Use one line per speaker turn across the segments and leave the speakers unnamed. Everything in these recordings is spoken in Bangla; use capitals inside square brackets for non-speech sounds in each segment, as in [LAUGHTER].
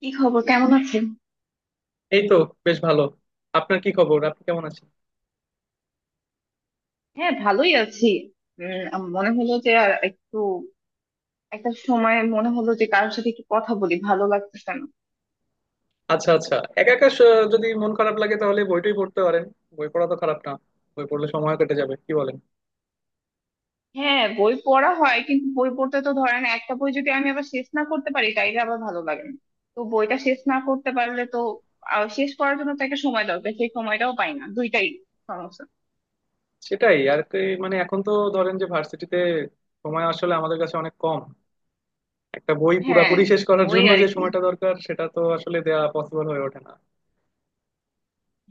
কি খবর, কেমন আছেন?
এই তো বেশ ভালো। আপনার কি খবর? আপনি কেমন আছেন?
হ্যাঁ, ভালোই আছি। মনে হলো যে আর একটু একটা সময় মনে হলো যে কারোর সাথে একটু কথা বলি, ভালো লাগতেছে না।
আচ্ছা আচ্ছা, একা একা যদি মন খারাপ লাগে তাহলে বইটাই পড়তে পারেন। বই পড়া তো খারাপ না। বই পড়লে সময় কেটে যাবে, কি বলেন?
হ্যাঁ, বই পড়া হয়, কিন্তু বই পড়তে তো ধরেন একটা বই যদি আমি আবার শেষ না করতে পারি তাইলে আবার ভালো লাগে না। তো বইটা শেষ না করতে পারলে তো শেষ করার জন্য তো একটা সময় দরকার, সেই সময়টাও পাই না। দুইটাই সমস্যা।
সেটাই আর কি। মানে এখন তো ধরেন যে ভার্সিটিতে সময় আসলে আমাদের কাছে অনেক কম। একটা বই
হ্যাঁ,
পুরাপুরি শেষ করার
ওই
জন্য
আর
যে
কি।
সময়টা দরকার সেটা তো আসলে দেয়া পসিবল হয়ে ওঠে না।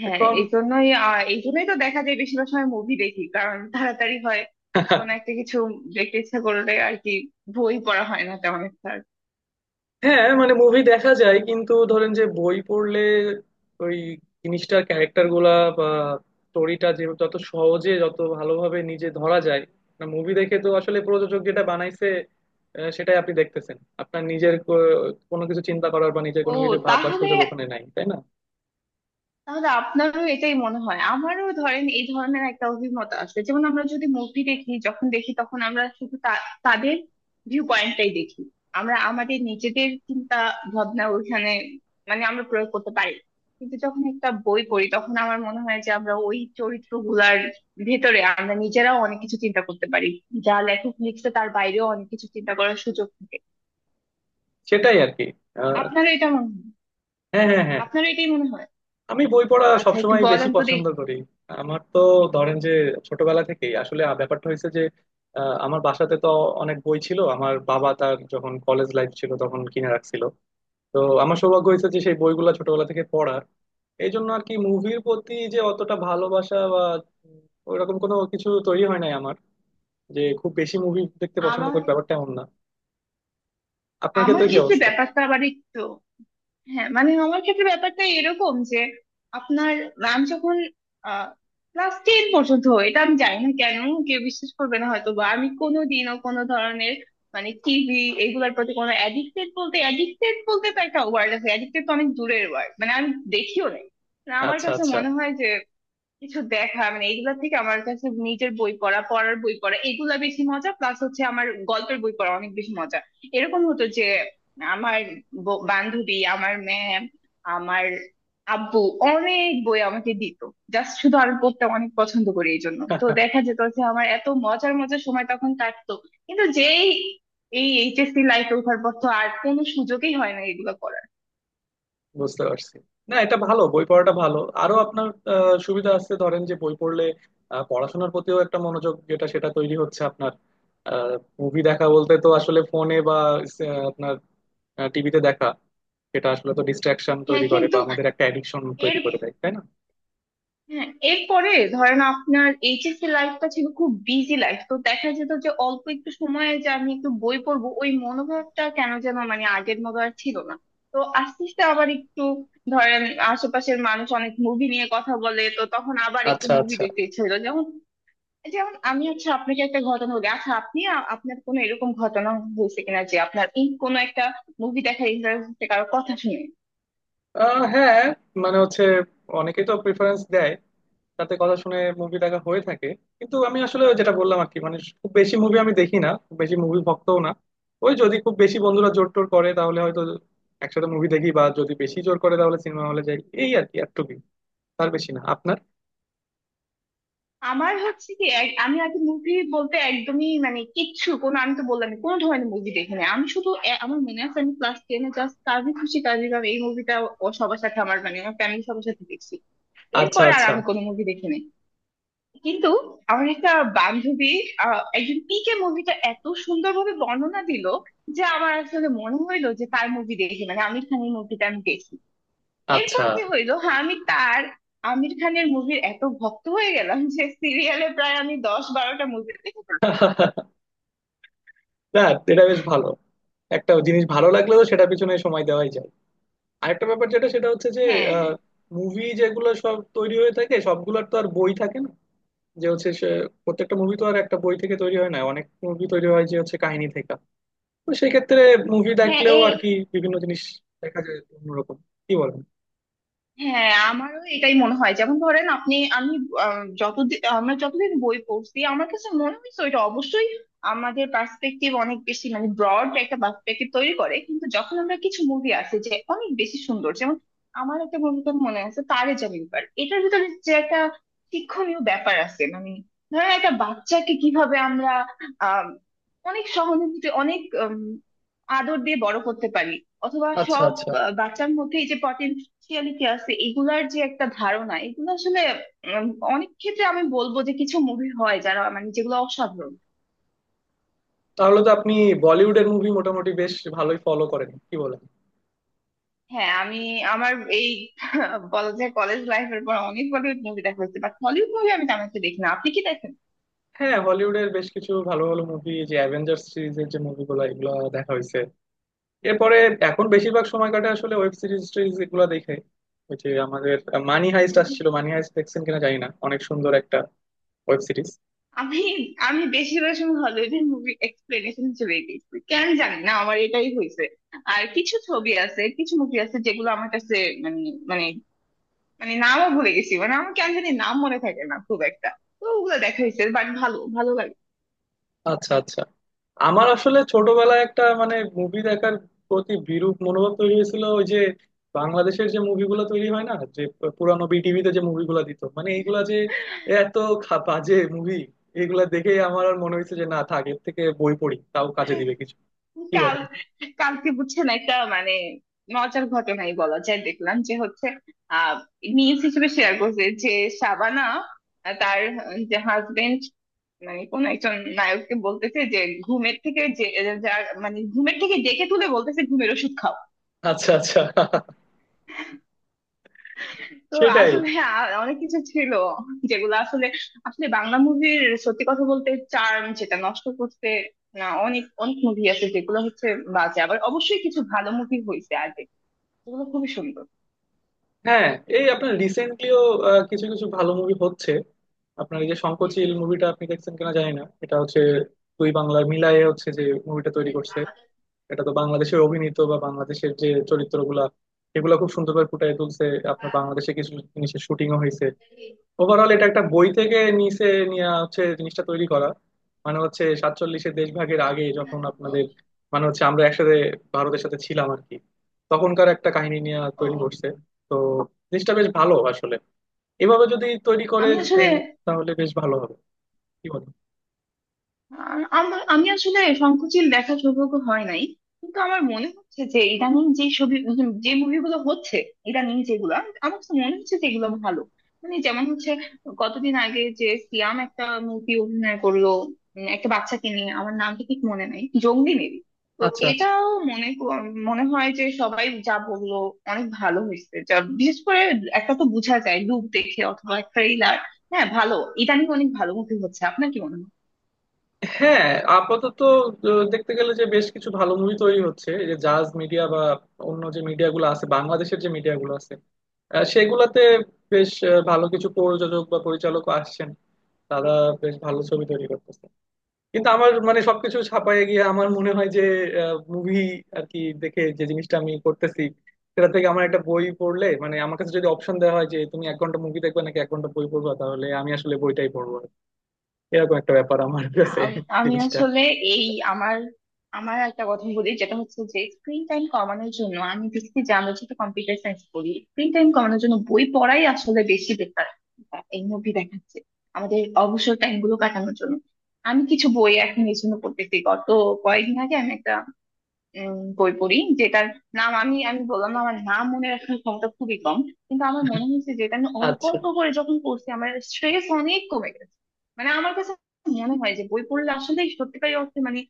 হ্যাঁ,
এখন
এই জন্যই এই জন্যই তো দেখা যায় বেশিরভাগ সময় মুভি দেখি, কারণ তাড়াতাড়ি হয়। কোন
[LAUGHS]
একটা কিছু দেখতে ইচ্ছা করলে আর কি, বই পড়া হয় না তেমন একটা।
হ্যাঁ মানে মুভি দেখা যায়, কিন্তু ধরেন যে বই পড়লে ওই জিনিসটার ক্যারেক্টার গুলা বা স্টোরিটা যে যত সহজে যত ভালোভাবে নিজে ধরা যায়, না মুভি দেখে তো আসলে প্রযোজক যেটা বানাইছে সেটাই আপনি দেখতেছেন। আপনার নিজের কোনো কিছু চিন্তা করার বা নিজের
ও,
কোনো কিছু ভাববার
তাহলে,
সুযোগ ওখানে নাই, তাই না?
আপনারও এটাই মনে হয়? আমারও ধরেন এই ধরনের একটা অভিমত আসবে, যেমন আমরা যদি মুভি দেখি, যখন দেখি তখন আমরা শুধু তাদের ভিউ পয়েন্টটাই দেখি। আমরা আমাদের নিজেদের চিন্তা ভাবনা ওইখানে মানে আমরা প্রয়োগ করতে পারি না। কিন্তু যখন একটা বই পড়ি তখন আমার মনে হয় যে আমরা ওই চরিত্রগুলার ভেতরে আমরা নিজেরাও অনেক কিছু চিন্তা করতে পারি, যা লেখক লিখছে তার বাইরেও অনেক কিছু চিন্তা করার সুযোগ থাকে।
সেটাই আর কি। আহ,
আপনারও এটা মনে হয়?
হ্যাঁ হ্যাঁ হ্যাঁ।
আপনারও এটাই মনে হয়।
আমি বই পড়া
আচ্ছা, একটু
সবসময় বেশি
বলেন তো
পছন্দ
দেখি।
করি। আমার তো ধরেন যে ছোটবেলা থেকেই আসলে ব্যাপারটা হয়েছে যে আমার বাসাতে তো অনেক বই ছিল। আমার বাবা তার যখন কলেজ লাইফ ছিল তখন কিনে রাখছিল। তো আমার সৌভাগ্য হয়েছে যে সেই বইগুলা ছোটবেলা থেকে পড়ার। এই জন্য আর কি মুভির প্রতি যে অতটা ভালোবাসা বা উম, ওইরকম কোনো কিছু তৈরি হয় নাই আমার। যে খুব বেশি মুভি দেখতে পছন্দ
আমার
করি ব্যাপারটা এমন না। আপনার
আমার
ক্ষেত্রে কি
ক্ষেত্রে
অবস্থা?
ব্যাপারটা আবার একটু, হ্যাঁ মানে আমার ক্ষেত্রে ব্যাপারটা এরকম যে আপনার, আমি যখন ক্লাস টেন পর্যন্ত হয়, এটা আমি জানি না কেন কেউ বিশ্বাস করবে না, হয়তো বা আমি কোনোদিনও কোনো ধরনের মানে টিভি এগুলোর প্রতি কোনো অ্যাডিক্টেড, বলতে অ্যাডিক্টেড বলতে তো একটা ওয়ার্ড আছে, অ্যাডিক্টেড তো অনেক দূরের ওয়ার্ড, মানে আমি দেখিও নাই। না, আমার
আচ্ছা
কাছে
আচ্ছা,
মনে হয় যে কিছু দেখা মানে এইগুলা থেকে আমার কাছে নিজের বই পড়া, পড়ার বই পড়া এগুলা বেশি মজা। প্লাস হচ্ছে আমার গল্পের বই পড়া অনেক বেশি মজা। এরকম হতো যে আমার বান্ধবী, আমার ম্যাম, আমার আব্বু অনেক বই আমাকে দিত। জাস্ট শুধু আমি পড়তে অনেক পছন্দ করি, এই জন্য তো দেখা যেত যে আমার এত মজার মজার সময় তখন কাটতো। কিন্তু যেই এই এইচএসসি লাইফে ওঠার পর তো আর কোনো সুযোগই হয় না এগুলো করার।
বুঝতে পারছি। না এটা ভালো, বই পড়াটা ভালো। আরো আপনার সুবিধা আছে, ধরেন যে বই পড়লে পড়াশোনার প্রতিও একটা মনোযোগ যেটা সেটা তৈরি হচ্ছে আপনার। মুভি দেখা বলতে তো আসলে ফোনে বা আপনার টিভিতে দেখা। এটা আসলে তো ডিস্ট্রাকশন তৈরি
হ্যাঁ,
করে বা
কিন্তু
আমাদের একটা অ্যাডিকশন
এর
তৈরি করে দেয়, তাই না?
হ্যাঁ, এরপরে ধরেন আপনার এইচএসসি লাইফটা ছিল খুব বিজি লাইফ, তো দেখা যেত যে অল্প একটু সময়ে যে আমি একটু বই পড়বো, ওই মনোভাবটা কেন যেন মানে আগের মতো আর ছিল না। তো আস্তে আস্তে আবার একটু ধরেন আশেপাশের মানুষ অনেক মুভি নিয়ে কথা বলে, তো তখন আবার একটু
আচ্ছা
মুভি
আচ্ছা।
দেখতে ইচ্ছে হলো। যেমন যেমন আমি হচ্ছে আপনাকে একটা ঘটনা বলি, আচ্ছা আপনি আপনার কোনো এরকম ঘটনা হয়েছে কিনা যে আপনার এই কোনো একটা মুভি দেখার ইন্টারেস্ট কারো কথা শুনে?
হ্যাঁ মানে হচ্ছে অনেকেই তো প্রিফারেন্স দেয়। রাতে কথা শুনে মুভি দেখা হয়ে থাকে। কিন্তু আমি আসলে যেটা বললাম আর কি, মানে খুব বেশি মুভি আমি দেখি না, খুব বেশি মুভি ভক্তও না। ওই যদি খুব বেশি বন্ধুরা জোর টোর করে তাহলে হয়তো একসাথে মুভি দেখি, বা যদি বেশি জোর করে তাহলে সিনেমা হলে যাই, এই আর কি এতটুকুই। তার বেশি না। আপনার?
আমার হচ্ছে কি, আমি আগে মুভি বলতে একদমই মানে কিচ্ছু কোনো, আমি তো বললাম কোনো ধরনের মুভি দেখিনি। আমি শুধু আমার মনে আছে আমি ক্লাস টেনে জাস্ট কাজী খুশি কাজী গাম এই মুভিটা, ও, সবার সাথে আমার মানে আমার ফ্যামিলি সবার সাথে দেখছি।
আচ্ছা
এরপরে আর
আচ্ছা
আমি কোনো মুভি দেখিনি। কিন্তু আমার একটা বান্ধবী একজন পিকে মুভিটা এত সুন্দরভাবে বর্ণনা দিল যে আমার আসলে মনে হইলো যে তার মুভি দেখি, মানে আমির খানের মুভিটা আমি দেখি।
আচ্ছা।
এরপর কি হইলো, হ্যাঁ আমি তার আমির খানের মুভির এত ভক্ত হয়ে গেলাম যে সিরিয়ালে প্রায় আমি 10-12টা মুভি দেখে ফেলছি।
[LAUGHS] না এটা বেশ ভালো। একটা জিনিস ভালো লাগলে তো সেটা পিছনে সময় দেওয়াই যায়। আরেকটা ব্যাপার যেটা সেটা হচ্ছে যে
হ্যাঁ,
মুভি যেগুলো সব তৈরি হয়ে থাকে সবগুলোর তো আর বই থাকে না। যে হচ্ছে সে প্রত্যেকটা মুভি তো আর একটা বই থেকে তৈরি হয় না, অনেক মুভি তৈরি হয় যে হচ্ছে কাহিনী থেকে। তো সেই ক্ষেত্রে মুভি
হ্যাঁ,
দেখলেও
এই
আর কি বিভিন্ন জিনিস দেখা যায় একটু অন্যরকম, কি বলেন?
হ্যাঁ, আমারও এটাই মনে হয়। যেমন ধরেন আপনি, আমি যতদিন আমরা যতদিন বই পড়ছি আমার কাছে মনে হয়েছে ওইটা অবশ্যই আমাদের পার্সপেক্টিভ অনেক বেশি মানে ব্রড একটা পার্সপেক্টিভ তৈরি করে। কিন্তু যখন আমরা কিছু মুভি আছে যে অনেক বেশি সুন্দর, যেমন আমার একটা মুভিটার মনে আছে, তারে জামিন পার, এটার ভিতরে যে একটা শিক্ষণীয় ব্যাপার আছে। মানে ধরেন একটা বাচ্চাকে কিভাবে আমরা আহ অনেক সহানুভূতি, অনেক আদর দিয়ে বড় করতে পারি। অথবা
আচ্ছা
সব
আচ্ছা।
বাচ্চার মধ্যে এই যে স্পিরিচুয়ালিটি আছে এগুলার যে একটা ধারণা, এগুলো আসলে উম, অনেক ক্ষেত্রে আমি বলবো যে কিছু মুভি হয় যারা মানে যেগুলো অসাধারণ।
তাহলে তো আপনি বলিউডের মুভি মোটামুটি বেশ ভালোই ফলো করেন, কি বলেন?
হ্যাঁ, আমি আমার এই [LAUGHS] বলা যায় কলেজ লাইফের পর অনেক বলিউড মুভি দেখা হয়েছে, বাট হলিউড মুভি আমি তেমন একটা দেখি না। আপনি কি দেখেন?
হ্যাঁ হলিউডের বেশ কিছু ভালো ভালো মুভি, যে অ্যাভেঞ্জার সিরিজের যে মুভিগুলো এগুলো দেখা হয়েছে। এরপরে এখন বেশিরভাগ সময় কাটে আসলে ওয়েব সিরিজ টিরিজ এগুলো দেখে। ওই যে আমাদের মানি হাইস্ট
উম,
আসছিল, মানি হাইস্ট দেখছেন কিনা জানি না, অনেক সুন্দর একটা ওয়েব সিরিজ।
আমি, আমি বেশিরভাগ সময় হলিউডের মুভি এক্সপ্লেনেশন হিসেবে দেখি, কেন জানি না, আমার এটাই হয়েছে। আর কিছু ছবি আছে, কিছু মুভি আছে যেগুলো আমার কাছে মানে মানে মানে নামও ভুলে গেছি, মানে আমার কেন জানি নাম মনে থাকে না খুব একটা। তো ওগুলো দেখা হয়েছে, বাট ভালো, ভালো লাগে।
আচ্ছা আচ্ছা। আমার আসলে ছোটবেলায় একটা মানে মুভি দেখার প্রতি বিরূপ মনোভাব তৈরি হয়েছিল। ওই যে বাংলাদেশের যে মুভিগুলো তৈরি হয় না, যে পুরানো বিটিভিতে যে মুভিগুলো দিত, মানে এইগুলা যে এত বাজে মুভি। এগুলা দেখেই আমার আর মনে হয়েছে যে না থাক, এর থেকে বই পড়ি তাও কাজে দিবে কিছু, কি
কাল
বলেন?
কালকে বুঝছেন একটা মানে মজার ঘটনাই বলা যায়, দেখলাম যে হচ্ছে আহ নিউজ হিসেবে শেয়ার করছে যে শাবানা তার যে হাজবেন্ড মানে কোন একজন নায়ককে বলতেছে যে ঘুমের থেকে যে মানে ঘুমের থেকে ডেকে তুলে বলতেছে ঘুমের ওষুধ খাও।
আচ্ছা আচ্ছা,
তো
সেটাই।
আসলে অনেক কিছু ছিল যেগুলো আসলে আসলে বাংলা মুভির সত্যি কথা বলতে চার্ম যেটা নষ্ট করতে, না অনেক অনেক মুভি আছে যেগুলো হচ্ছে বাজে। আবার অবশ্যই কিছু ভালো মুভি হয়েছে আগে যেগুলো খুবই সুন্দর।
হ্যাঁ এই আপনার রিসেন্টলিও কিছু কিছু ভালো মুভি হচ্ছে। আপনার এই যে শঙ্খচিল মুভিটা আপনি দেখছেন কিনা জানি না, এটা হচ্ছে দুই বাংলার মিলায়ে হচ্ছে যে মুভিটা তৈরি করছে। এটা তো বাংলাদেশের অভিনীত বা বাংলাদেশের যে চরিত্রগুলা এগুলা খুব সুন্দরভাবে ফুটিয়ে তুলছে। আপনার বাংলাদেশে কিছু জিনিসের শুটিংও হয়েছে। ওভারঅল এটা একটা বই থেকে নিচে নিয়ে হচ্ছে জিনিসটা তৈরি করা। মানে হচ্ছে সাতচল্লিশের দেশভাগের আগে যখন আপনাদের মানে হচ্ছে আমরা একসাথে ভারতের সাথে ছিলাম আর কি, তখনকার একটা কাহিনী নিয়ে তৈরি
ও,
করছে। তো জিনিসটা বেশ ভালো আসলে, এভাবে যদি তৈরি করে
আমি আসলে,
আহ, তাহলে বেশ ভালো হবে, কি বলো?
আর আমি আসলে সংকোচিল দেখার সৌভাগ্য হয় নাই। কিন্তু আমার মনে হচ্ছে যে ইদানিং যে ছবি উম যে মুভিগুলো হচ্ছে ইদানিং যেগুলা আমার কাছে মনে হচ্ছে যে এগুলো ভালো। মানে যেমন হচ্ছে কতদিন আগে যে সিয়াম একটা মুভি অভিনয় করলো, একটা বাচ্চাকে নিয়ে, আমার নামটা ঠিক মনে নাই, জঙ্গলি মেবি। তো
আচ্ছা আচ্ছা।
এটাও মনে ক- মনে হয় যে সবাই যা বললো অনেক ভালো হয়েছে, যা বিশেষ করে একটা তো বোঝা যায় লুক দেখে অথবা ট্রেইলার। হ্যাঁ, ভালো। ইদানিং অনেক ভালো মুভি হচ্ছে, আপনার কি মনে হয়?
হ্যাঁ আপাতত দেখতে গেলে যে বেশ কিছু ভালো মুভি তৈরি হচ্ছে। এই যে জাজ মিডিয়া বা অন্য যে মিডিয়াগুলো আছে, বাংলাদেশের যে মিডিয়াগুলো আছে সেগুলাতে বেশ ভালো কিছু প্রযোজক বা পরিচালক আসছেন। তারা বেশ ভালো ছবি তৈরি করতেছে। কিন্তু আমার মানে সবকিছু ছাপায় গিয়ে আমার মনে হয় যে মুভি আর কি দেখে যে জিনিসটা আমি করতেছি, সেটা থেকে আমার একটা বই পড়লে, মানে আমার কাছে যদি অপশন দেওয়া হয় যে তুমি 1 ঘন্টা মুভি দেখবে নাকি 1 ঘন্টা বই পড়বা, তাহলে আমি আসলে বইটাই পড়বো। এরকম একটা ব্যাপার আমার
না,
কাছে
আমি আমি
জিনিসটা।
আসলে এই আমার আমার একটা কথা বলি যেটা হচ্ছে যে স্ক্রিন টাইম কমানোর জন্য, আমি দেখছি যে আমরা যেহেতু কম্পিউটার সায়েন্স করি, স্ক্রিন টাইম কমানোর জন্য বই পড়াই আসলে বেশি বেটার। এই মুভি দেখাচ্ছে আমাদের অবসর টাইম গুলো কাটানোর জন্য। আমি কিছু বই এখন এই জন্য পড়তেছি। গত কয়েকদিন আগে আমি একটা বই পড়ি যেটার নাম, আমি আমি বললাম না আমার নাম মনে রাখার ক্ষমতা খুবই কম। কিন্তু আমার মনে হয়েছে যেটা আমি অল্প
আচ্ছা
অল্প করে যখন পড়ছি আমার স্ট্রেস অনেক কমে গেছে। মানে আমার কাছে মনে হয় যে বই পড়লে আসলে সত্যিকারই অর্থে মানে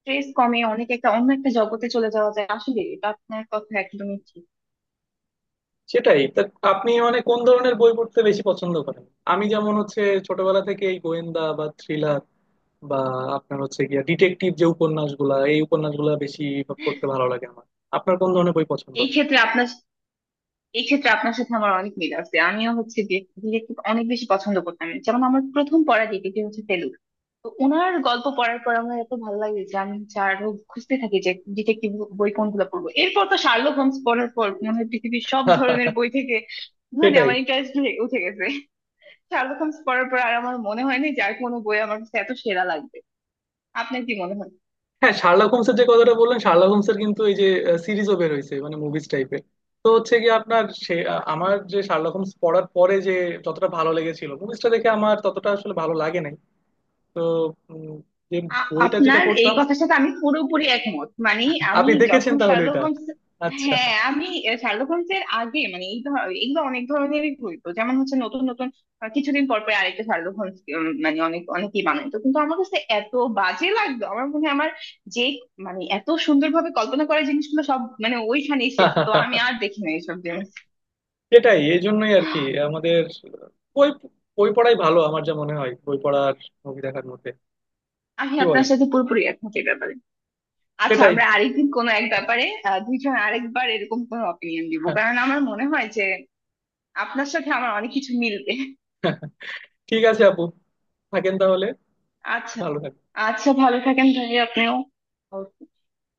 স্ট্রেস কমে অনেক, একটা অন্য একটা জগতে চলে যাওয়া যায় আসলে। এটা আপনার কথা একদমই ঠিক।
সেটাই তা। আপনি মানে কোন ধরনের বই পড়তে বেশি পছন্দ করেন? আমি যেমন হচ্ছে ছোটবেলা থেকে এই গোয়েন্দা বা থ্রিলার বা আপনার হচ্ছে গিয়া ডিটেকটিভ যে উপন্যাসগুলা, এই উপন্যাসগুলা বেশি পড়তে ভালো লাগে আমার। আপনার কোন ধরনের বই পছন্দ?
এই ক্ষেত্রে আপনার এই ক্ষেত্রে আপনার সাথে আমার অনেক মিল আছে, আমিও হচ্ছে ডিটেকটিভ অনেক বেশি পছন্দ করতাম। যেমন আমার প্রথম পড়া ডিটেকটিভ হচ্ছে ফেলুদা। তো ওনার গল্প পড়ার পর আমার এত ভালো লাগে যে আমি হচ্ছে আরো খুঁজতে থাকি যে ডিটেকটিভ বই কোনগুলো পড়বো। এরপর তো শার্লক হোমস পড়ার পর মনে হয় পৃথিবীর সব ধরনের বই
[LAUGHS]
থেকে মানে
সেটাই।
আমার ইন্টারেস্ট উঠে গেছে। শার্লক হোমস পড়ার পর আর আমার মনে হয় না যে আর কোনো বই আমার কাছে এত সেরা লাগবে। আপনার কি মনে হয়?
হ্যাঁ শার্লক হোমসের যে কথাটা বললেন, শার্লক হোমসের কিন্তু এই যে সিরিজও বের হয়েছে, মানে মুভিজ টাইপের। তো হচ্ছে কি আপনার সে আমার যে শার্লক হোমস পড়ার পরে যে যতটা ভালো লেগেছিল, মুভিজটা দেখে আমার ততটা আসলে ভালো লাগে নাই। তো উম, যে বইটা যেটা
আপনার এই
পড়তাম।
কথার সাথে আমি পুরোপুরি একমত। মানে আমি
আপনি দেখেছেন
যখন
তাহলে
শার্লক
এটা?
হোমস,
আচ্ছা
হ্যাঁ আমি শার্লক হোমস এর আগে মানে এই এগুলো অনেক ধরনেরই হইতো, যেমন হচ্ছে নতুন নতুন কিছুদিন পর পর আরেকটা শার্লক হোমস মানে অনেক অনেকেই বানাইতো কিন্তু আমার কাছে এত বাজে লাগতো। আমার মনে হয় আমার যে মানে এত সুন্দরভাবে কল্পনা করা জিনিসগুলো সব মানে ওইখানেই শেষ, তো আমি আর দেখি না এইসব জিনিস।
সেটাই এই জন্যই আর কি। আমাদের বই বই পড়াই ভালো আমার যা মনে হয়, বই পড়ার, মুভি দেখার মধ্যে,
আমি
কি
আপনার
বলেন?
সাথে পুরোপুরি একমত এই ব্যাপারে। আচ্ছা,
সেটাই।
আমরা আরেকদিন কোনো এক ব্যাপারে দুইজন আরেকবার এরকম কোনো অপিনিয়ন দিব, কারণ আমার মনে হয় যে আপনার সাথে আমার অনেক কিছু মিলবে।
ঠিক আছে আপু, থাকেন তাহলে।
আচ্ছা,
ভালো থাকেন।
আচ্ছা, ভালো থাকেন ভাই, আপনিও।